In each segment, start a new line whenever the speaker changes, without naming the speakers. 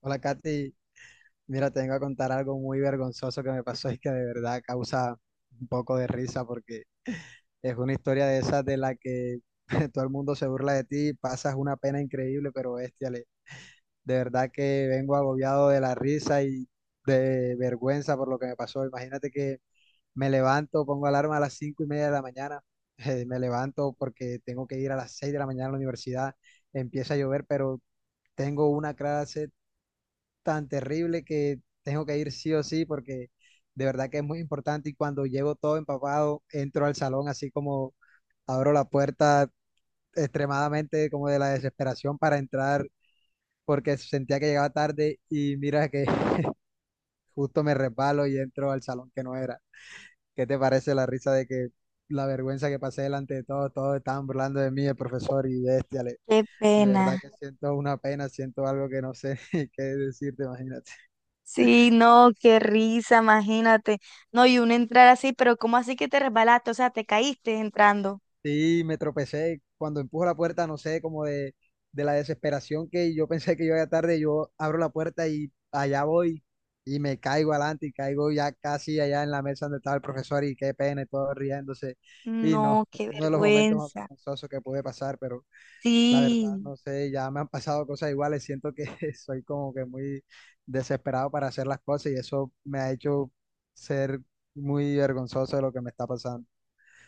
Hola, Katy. Mira, te vengo a contar algo muy vergonzoso que me pasó y que de verdad causa un poco de risa porque es una historia de esas de la que todo el mundo se burla de ti, pasas una pena increíble, pero bestiale. De verdad que vengo agobiado de la risa y de vergüenza por lo que me pasó. Imagínate que me levanto, pongo alarma a las 5:30 de la mañana. Me levanto porque tengo que ir a las 6 de la mañana a la universidad, empieza a llover, pero tengo una clase tan terrible que tengo que ir sí o sí porque de verdad que es muy importante, y cuando llego todo empapado, entro al salón así como, abro la puerta extremadamente, como de la desesperación para entrar porque sentía que llegaba tarde, y mira que justo me resbalo y entro al salón que no era. ¿Qué te parece la risa de que la vergüenza que pasé delante de todos? Todos estaban burlando de mí, el profesor y bestia, le-
Qué
de verdad
pena.
que siento una pena, siento algo que no sé qué decirte, imagínate.
Sí, no, qué risa, imagínate. No, y uno entrar así, pero ¿cómo así que te resbalaste? O sea, te caíste entrando.
Sí, me tropecé. Cuando empujo la puerta, no sé, como de la desesperación que yo pensé que yo iba tarde, yo abro la puerta y allá voy y me caigo adelante y caigo ya casi allá en la mesa donde estaba el profesor, y qué pena, y todo riéndose. Y no,
No, qué
uno de los momentos más
vergüenza.
vergonzosos que pude pasar. Pero la verdad,
Sí,
no sé, ya me han pasado cosas iguales. Siento que soy como que muy desesperado para hacer las cosas, y eso me ha hecho ser muy vergonzoso de lo que me está pasando.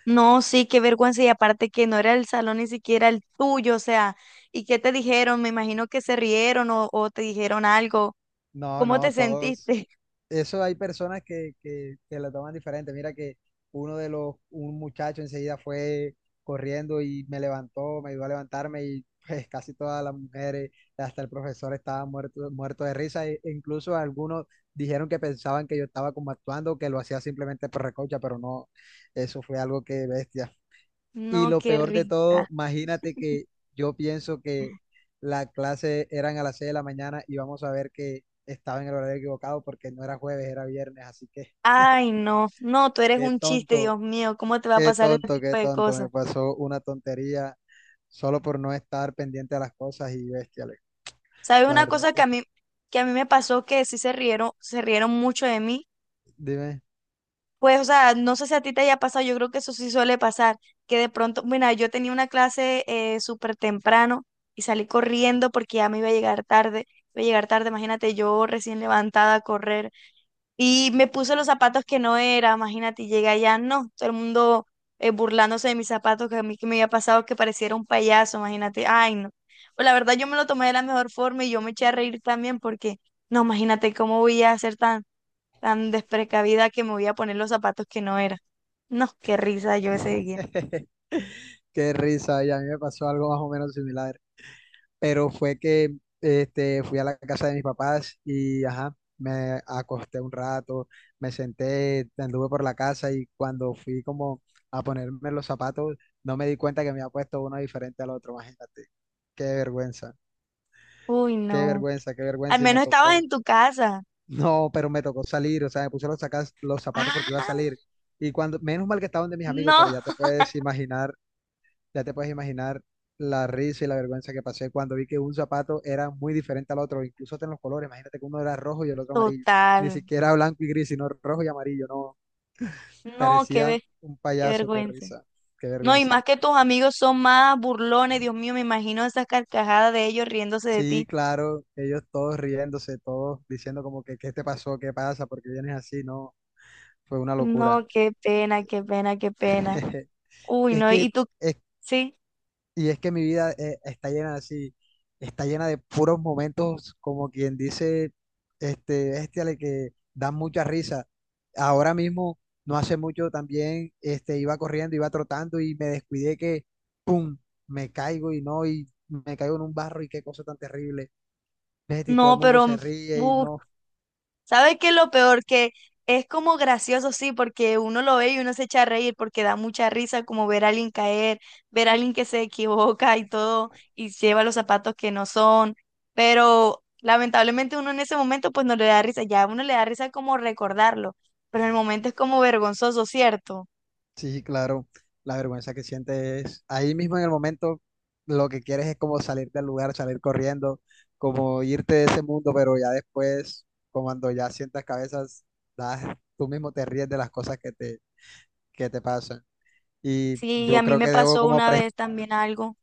no, sí, qué vergüenza. Y aparte que no era el salón ni siquiera el tuyo, o sea, ¿y qué te dijeron? Me imagino que se rieron o te dijeron algo.
No,
¿Cómo
no,
te
todos.
sentiste?
Eso hay personas que lo toman diferente. Mira que uno de los, un muchacho enseguida fue corriendo y me levantó, me ayudó a levantarme, y pues casi todas las mujeres, hasta el profesor estaba muerto, muerto de risa. E incluso algunos dijeron que pensaban que yo estaba como actuando, que lo hacía simplemente por recocha, pero no, eso fue algo que bestia. Y
No,
lo
qué
peor de todo,
risa.
imagínate que yo pienso que la clase eran a las 6 de la mañana, y vamos a ver que estaba en el horario equivocado porque no era jueves, era viernes. Así que
Ay, no, no, tú eres
qué
un chiste,
tonto,
Dios mío, ¿cómo te va a
qué
pasar ese
tonto,
tipo
qué
de
tonto.
cosas?
Me pasó una tontería solo por no estar pendiente a las cosas, y bestia, Alex.
¿Sabes
La
una
verdad
cosa que
que,
que a mí me pasó que sí se rieron mucho de mí?
dime,
Pues, o sea, no sé si a ti te haya pasado, yo creo que eso sí suele pasar, que de pronto, mira, yo tenía una clase súper temprano y salí corriendo porque ya me iba a llegar tarde, iba a llegar tarde, imagínate yo recién levantada a correr. Y me puse los zapatos que no era, imagínate, y llegué allá, no, todo el mundo burlándose de mis zapatos, que a mí que me había pasado que pareciera un payaso, imagínate, ay no. Pues la verdad yo me lo tomé de la mejor forma y yo me eché a reír también porque, no, imagínate cómo voy a ser tan, tan desprecavida que me voy a poner los zapatos que no era. No, qué risa yo ese día.
qué risa. Y a mí me pasó algo más o menos similar. Pero fue que fui a la casa de mis papás y ajá, me acosté un rato, me senté, anduve por la casa, y cuando fui como a ponerme los zapatos, no me di cuenta que me había puesto uno diferente al otro, imagínate, qué vergüenza,
Uy,
qué
no.
vergüenza, qué
Al
vergüenza, y me
menos estabas
tocó,
en tu casa.
no, pero me tocó salir, o sea, me puse los, sacas- los zapatos porque iba a
Ah,
salir. Y cuando, menos mal que estaban de mis amigos, pero
no,
ya te puedes imaginar la risa y la vergüenza que pasé cuando vi que un zapato era muy diferente al otro, incluso hasta en los colores. Imagínate que uno era rojo y el otro amarillo. Ni
total.
siquiera blanco y gris, sino rojo y amarillo. No,
No,
parecía un
qué
payaso. Qué
vergüenza.
risa, qué
No, y
vergüenza.
más que tus amigos son más burlones, Dios mío, me imagino esas carcajadas de ellos riéndose de
Sí,
ti.
claro, ellos todos riéndose, todos diciendo como que, ¿qué te pasó? ¿Qué pasa? ¿Por qué vienes así? No, fue una locura.
No, qué pena, qué pena, qué pena. Uy,
Es
no,
que
y tú,
es
sí,
Y es que mi vida está llena así, está llena de puros momentos, como quien dice, le que dan mucha risa. Ahora mismo, no hace mucho también, iba corriendo, iba trotando, y me descuidé que, pum, me caigo, y no, y me caigo en un barro y qué cosa tan terrible. Bestia. Y todo el
no,
mundo
pero,
se ríe y
uy,
no.
¿sabes qué es lo peor? Que es como gracioso, sí, porque uno lo ve y uno se echa a reír porque da mucha risa como ver a alguien caer, ver a alguien que se equivoca y todo, y lleva los zapatos que no son, pero lamentablemente uno en ese momento pues no le da risa, ya a uno le da risa como recordarlo, pero en el momento es como vergonzoso, ¿cierto?
Sí, claro, la vergüenza que sientes es ahí mismo en el momento. Lo que quieres es como salir del lugar, salir corriendo, como irte de ese mundo, pero ya después, como cuando ya sientas cabezas, das, tú mismo te ríes de las cosas que te pasan. Y
Sí, a
yo
mí
creo
me
que debo
pasó
como,
una vez también algo,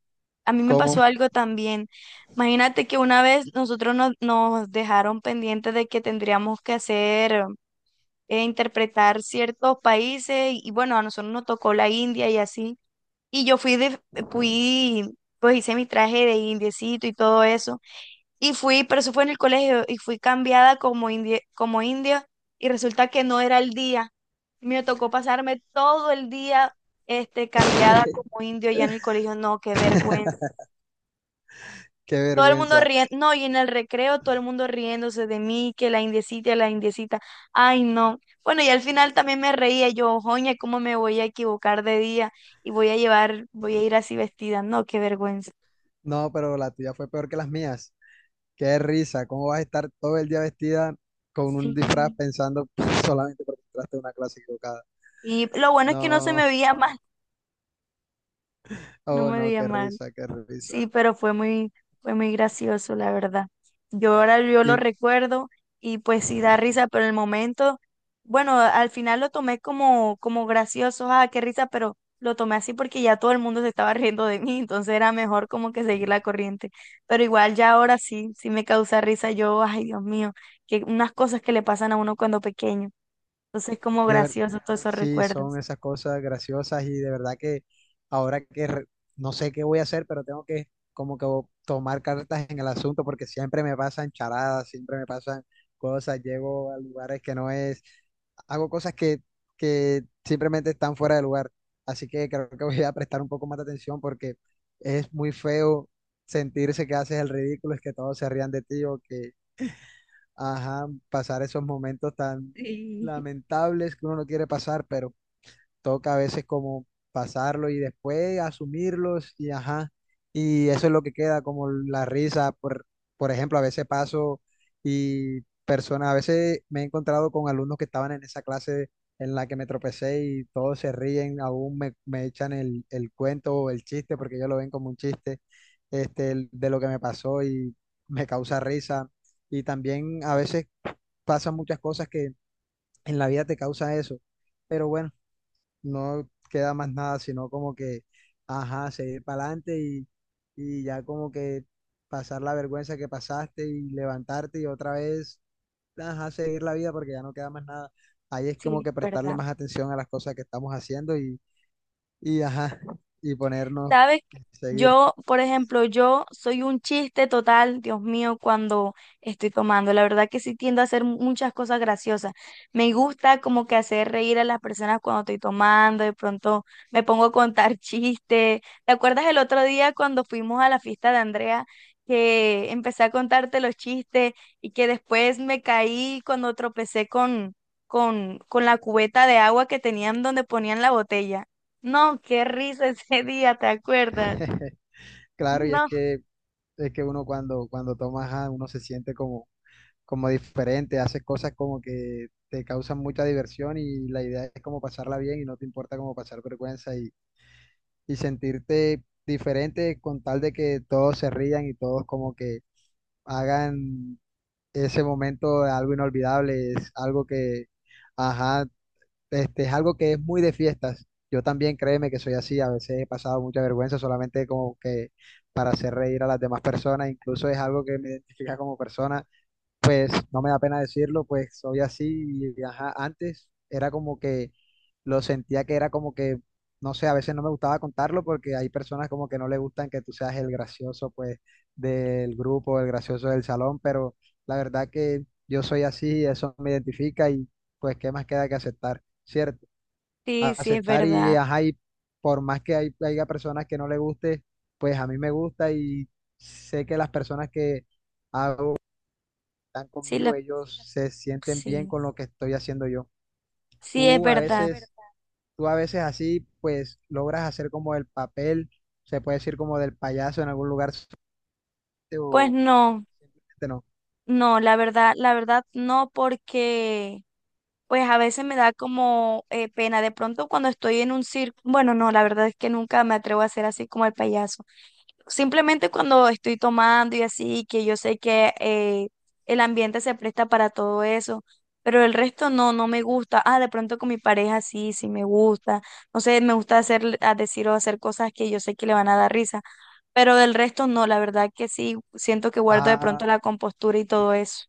a mí me
como,
pasó algo también. Imagínate que una vez nosotros nos dejaron pendientes de que tendríamos que hacer interpretar ciertos países y bueno, a nosotros nos tocó la India y así. Y yo fui, pues hice mi traje de indiecito y todo eso. Y fui, pero eso fue en el colegio y fui cambiada como india y resulta que no era el día. Me tocó pasarme todo el día cambiada como indio ya en el colegio. No, qué vergüenza.
qué
Todo el mundo
vergüenza.
riendo, no, y en el recreo todo el mundo riéndose de mí, que la indecita, ay no. Bueno, y al final también me reía yo, joña, ¿cómo me voy a equivocar de día? Y voy a llevar, voy a ir así vestida, no, qué vergüenza.
No, pero la tuya fue peor que las mías. Qué risa, ¿cómo vas a estar todo el día vestida con un disfraz
Sí.
pensando solamente porque entraste a una clase equivocada?
Y lo bueno es que no se me
No.
veía mal, no
Oh,
me
no,
veía
qué
mal.
risa, qué
Sí,
risa.
pero fue muy gracioso, la verdad. Yo ahora yo
Y,
lo
y
recuerdo y pues sí da risa, pero en el momento, bueno, al final lo tomé como, como gracioso, ah, qué risa, pero lo tomé así porque ya todo el mundo se estaba riendo de mí, entonces era mejor como que seguir la corriente. Pero igual ya ahora sí, sí me causa risa yo, ay Dios mío, que unas cosas que le pasan a uno cuando pequeño. Entonces como
de ver,
gracioso todos esos
sí, son
recuerdos.
esas cosas graciosas, y de verdad que ahora que re- no sé qué voy a hacer, pero tengo que como que tomar cartas en el asunto porque siempre me pasan charadas, siempre me pasan cosas, llego a lugares que no es, hago cosas que simplemente están fuera de lugar. Así que creo que voy a prestar un poco más de atención porque es muy feo sentirse que haces el ridículo, es que todos se rían de ti, o que ajá, pasar esos momentos tan lamentables que uno no quiere pasar, pero toca a veces como pasarlo y después asumirlos, y ajá, y eso es lo que queda, como la risa, por ejemplo. A veces paso y personas, a veces me he encontrado con alumnos que estaban en esa clase en la que me tropecé, y todos se ríen, aún me echan el cuento o el chiste, porque ellos lo ven como un chiste, de lo que me pasó, y me causa risa. Y también a veces pasan muchas cosas que en la vida te causa eso. Pero bueno, no queda más nada, sino como que, ajá, seguir para adelante, y ya como que pasar la vergüenza que pasaste y levantarte, y otra vez, ajá, seguir la vida porque ya no queda más nada. Ahí es como
Sí,
que prestarle
¿verdad?
más atención a las cosas que estamos haciendo, y ajá, y ponernos,
¿Sabes?
seguir.
Yo, por ejemplo, yo soy un chiste total, Dios mío, cuando estoy tomando. La verdad que sí tiendo a hacer muchas cosas graciosas. Me gusta como que hacer reír a las personas cuando estoy tomando, de pronto me pongo a contar chistes. ¿Te acuerdas el otro día cuando fuimos a la fiesta de Andrea que empecé a contarte los chistes y que después me caí cuando tropecé con la cubeta de agua que tenían donde ponían la botella? No, qué risa ese día, ¿te acuerdas?
Claro, y es
No,
que, uno cuando toma, ajá, uno se siente como, como diferente, haces cosas como que te causan mucha diversión, y la idea es como pasarla bien y no te importa como pasar vergüenza, y sentirte diferente con tal de que todos se rían y todos como que hagan ese momento algo inolvidable. Es algo que, ajá, es algo que es muy de fiestas. Yo también créeme que soy así, a veces he pasado mucha vergüenza solamente como que para hacer reír a las demás personas. Incluso es algo que me identifica como persona, pues no me da pena decirlo, pues soy así, y ajá, antes era como que lo sentía que era como que, no sé, a veces no me gustaba contarlo porque hay personas como que no le gustan que tú seas el gracioso, pues del grupo, el gracioso del salón, pero la verdad que yo soy así, eso me identifica, y pues qué más queda que aceptar, ¿cierto? A-
sí, sí es
aceptar y
verdad.
ajá, y por más que haya personas que no le guste, pues a mí me gusta, y sé que las personas que están
Sí,
conmigo, ellos se sienten bien
sí,
con lo que estoy haciendo yo.
sí es
Tú a, sí, es
verdad.
verdad, veces, tú a veces así, pues logras hacer como el papel, se puede decir como del payaso en algún lugar,
Pues
o
no,
simplemente no.
no, la verdad no, porque pues a veces me da como pena. De pronto cuando estoy en un circo, bueno, no, la verdad es que nunca me atrevo a hacer así como el payaso. Simplemente cuando estoy tomando y así, que yo sé que el ambiente se presta para todo eso, pero el resto no, no me gusta. Ah, de pronto con mi pareja sí, sí me gusta. No sé, me gusta hacer, a decir o hacer cosas que yo sé que le van a dar risa, pero del resto no, la verdad que sí, siento que guardo de pronto
Ah,
la compostura y
qué
todo eso.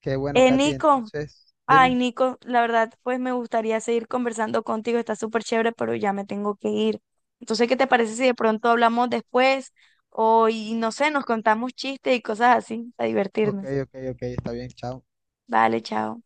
qué bueno, Katy.
Nico,
Entonces,
ay,
dime.
Nico, la verdad, pues me gustaría seguir conversando contigo, está súper chévere, pero ya me tengo que ir. Entonces, ¿qué te parece si de pronto hablamos después? O, y no sé, nos contamos chistes y cosas así, para
Ok,
divertirnos.
ok, ok, está bien, chao.
Vale, chao.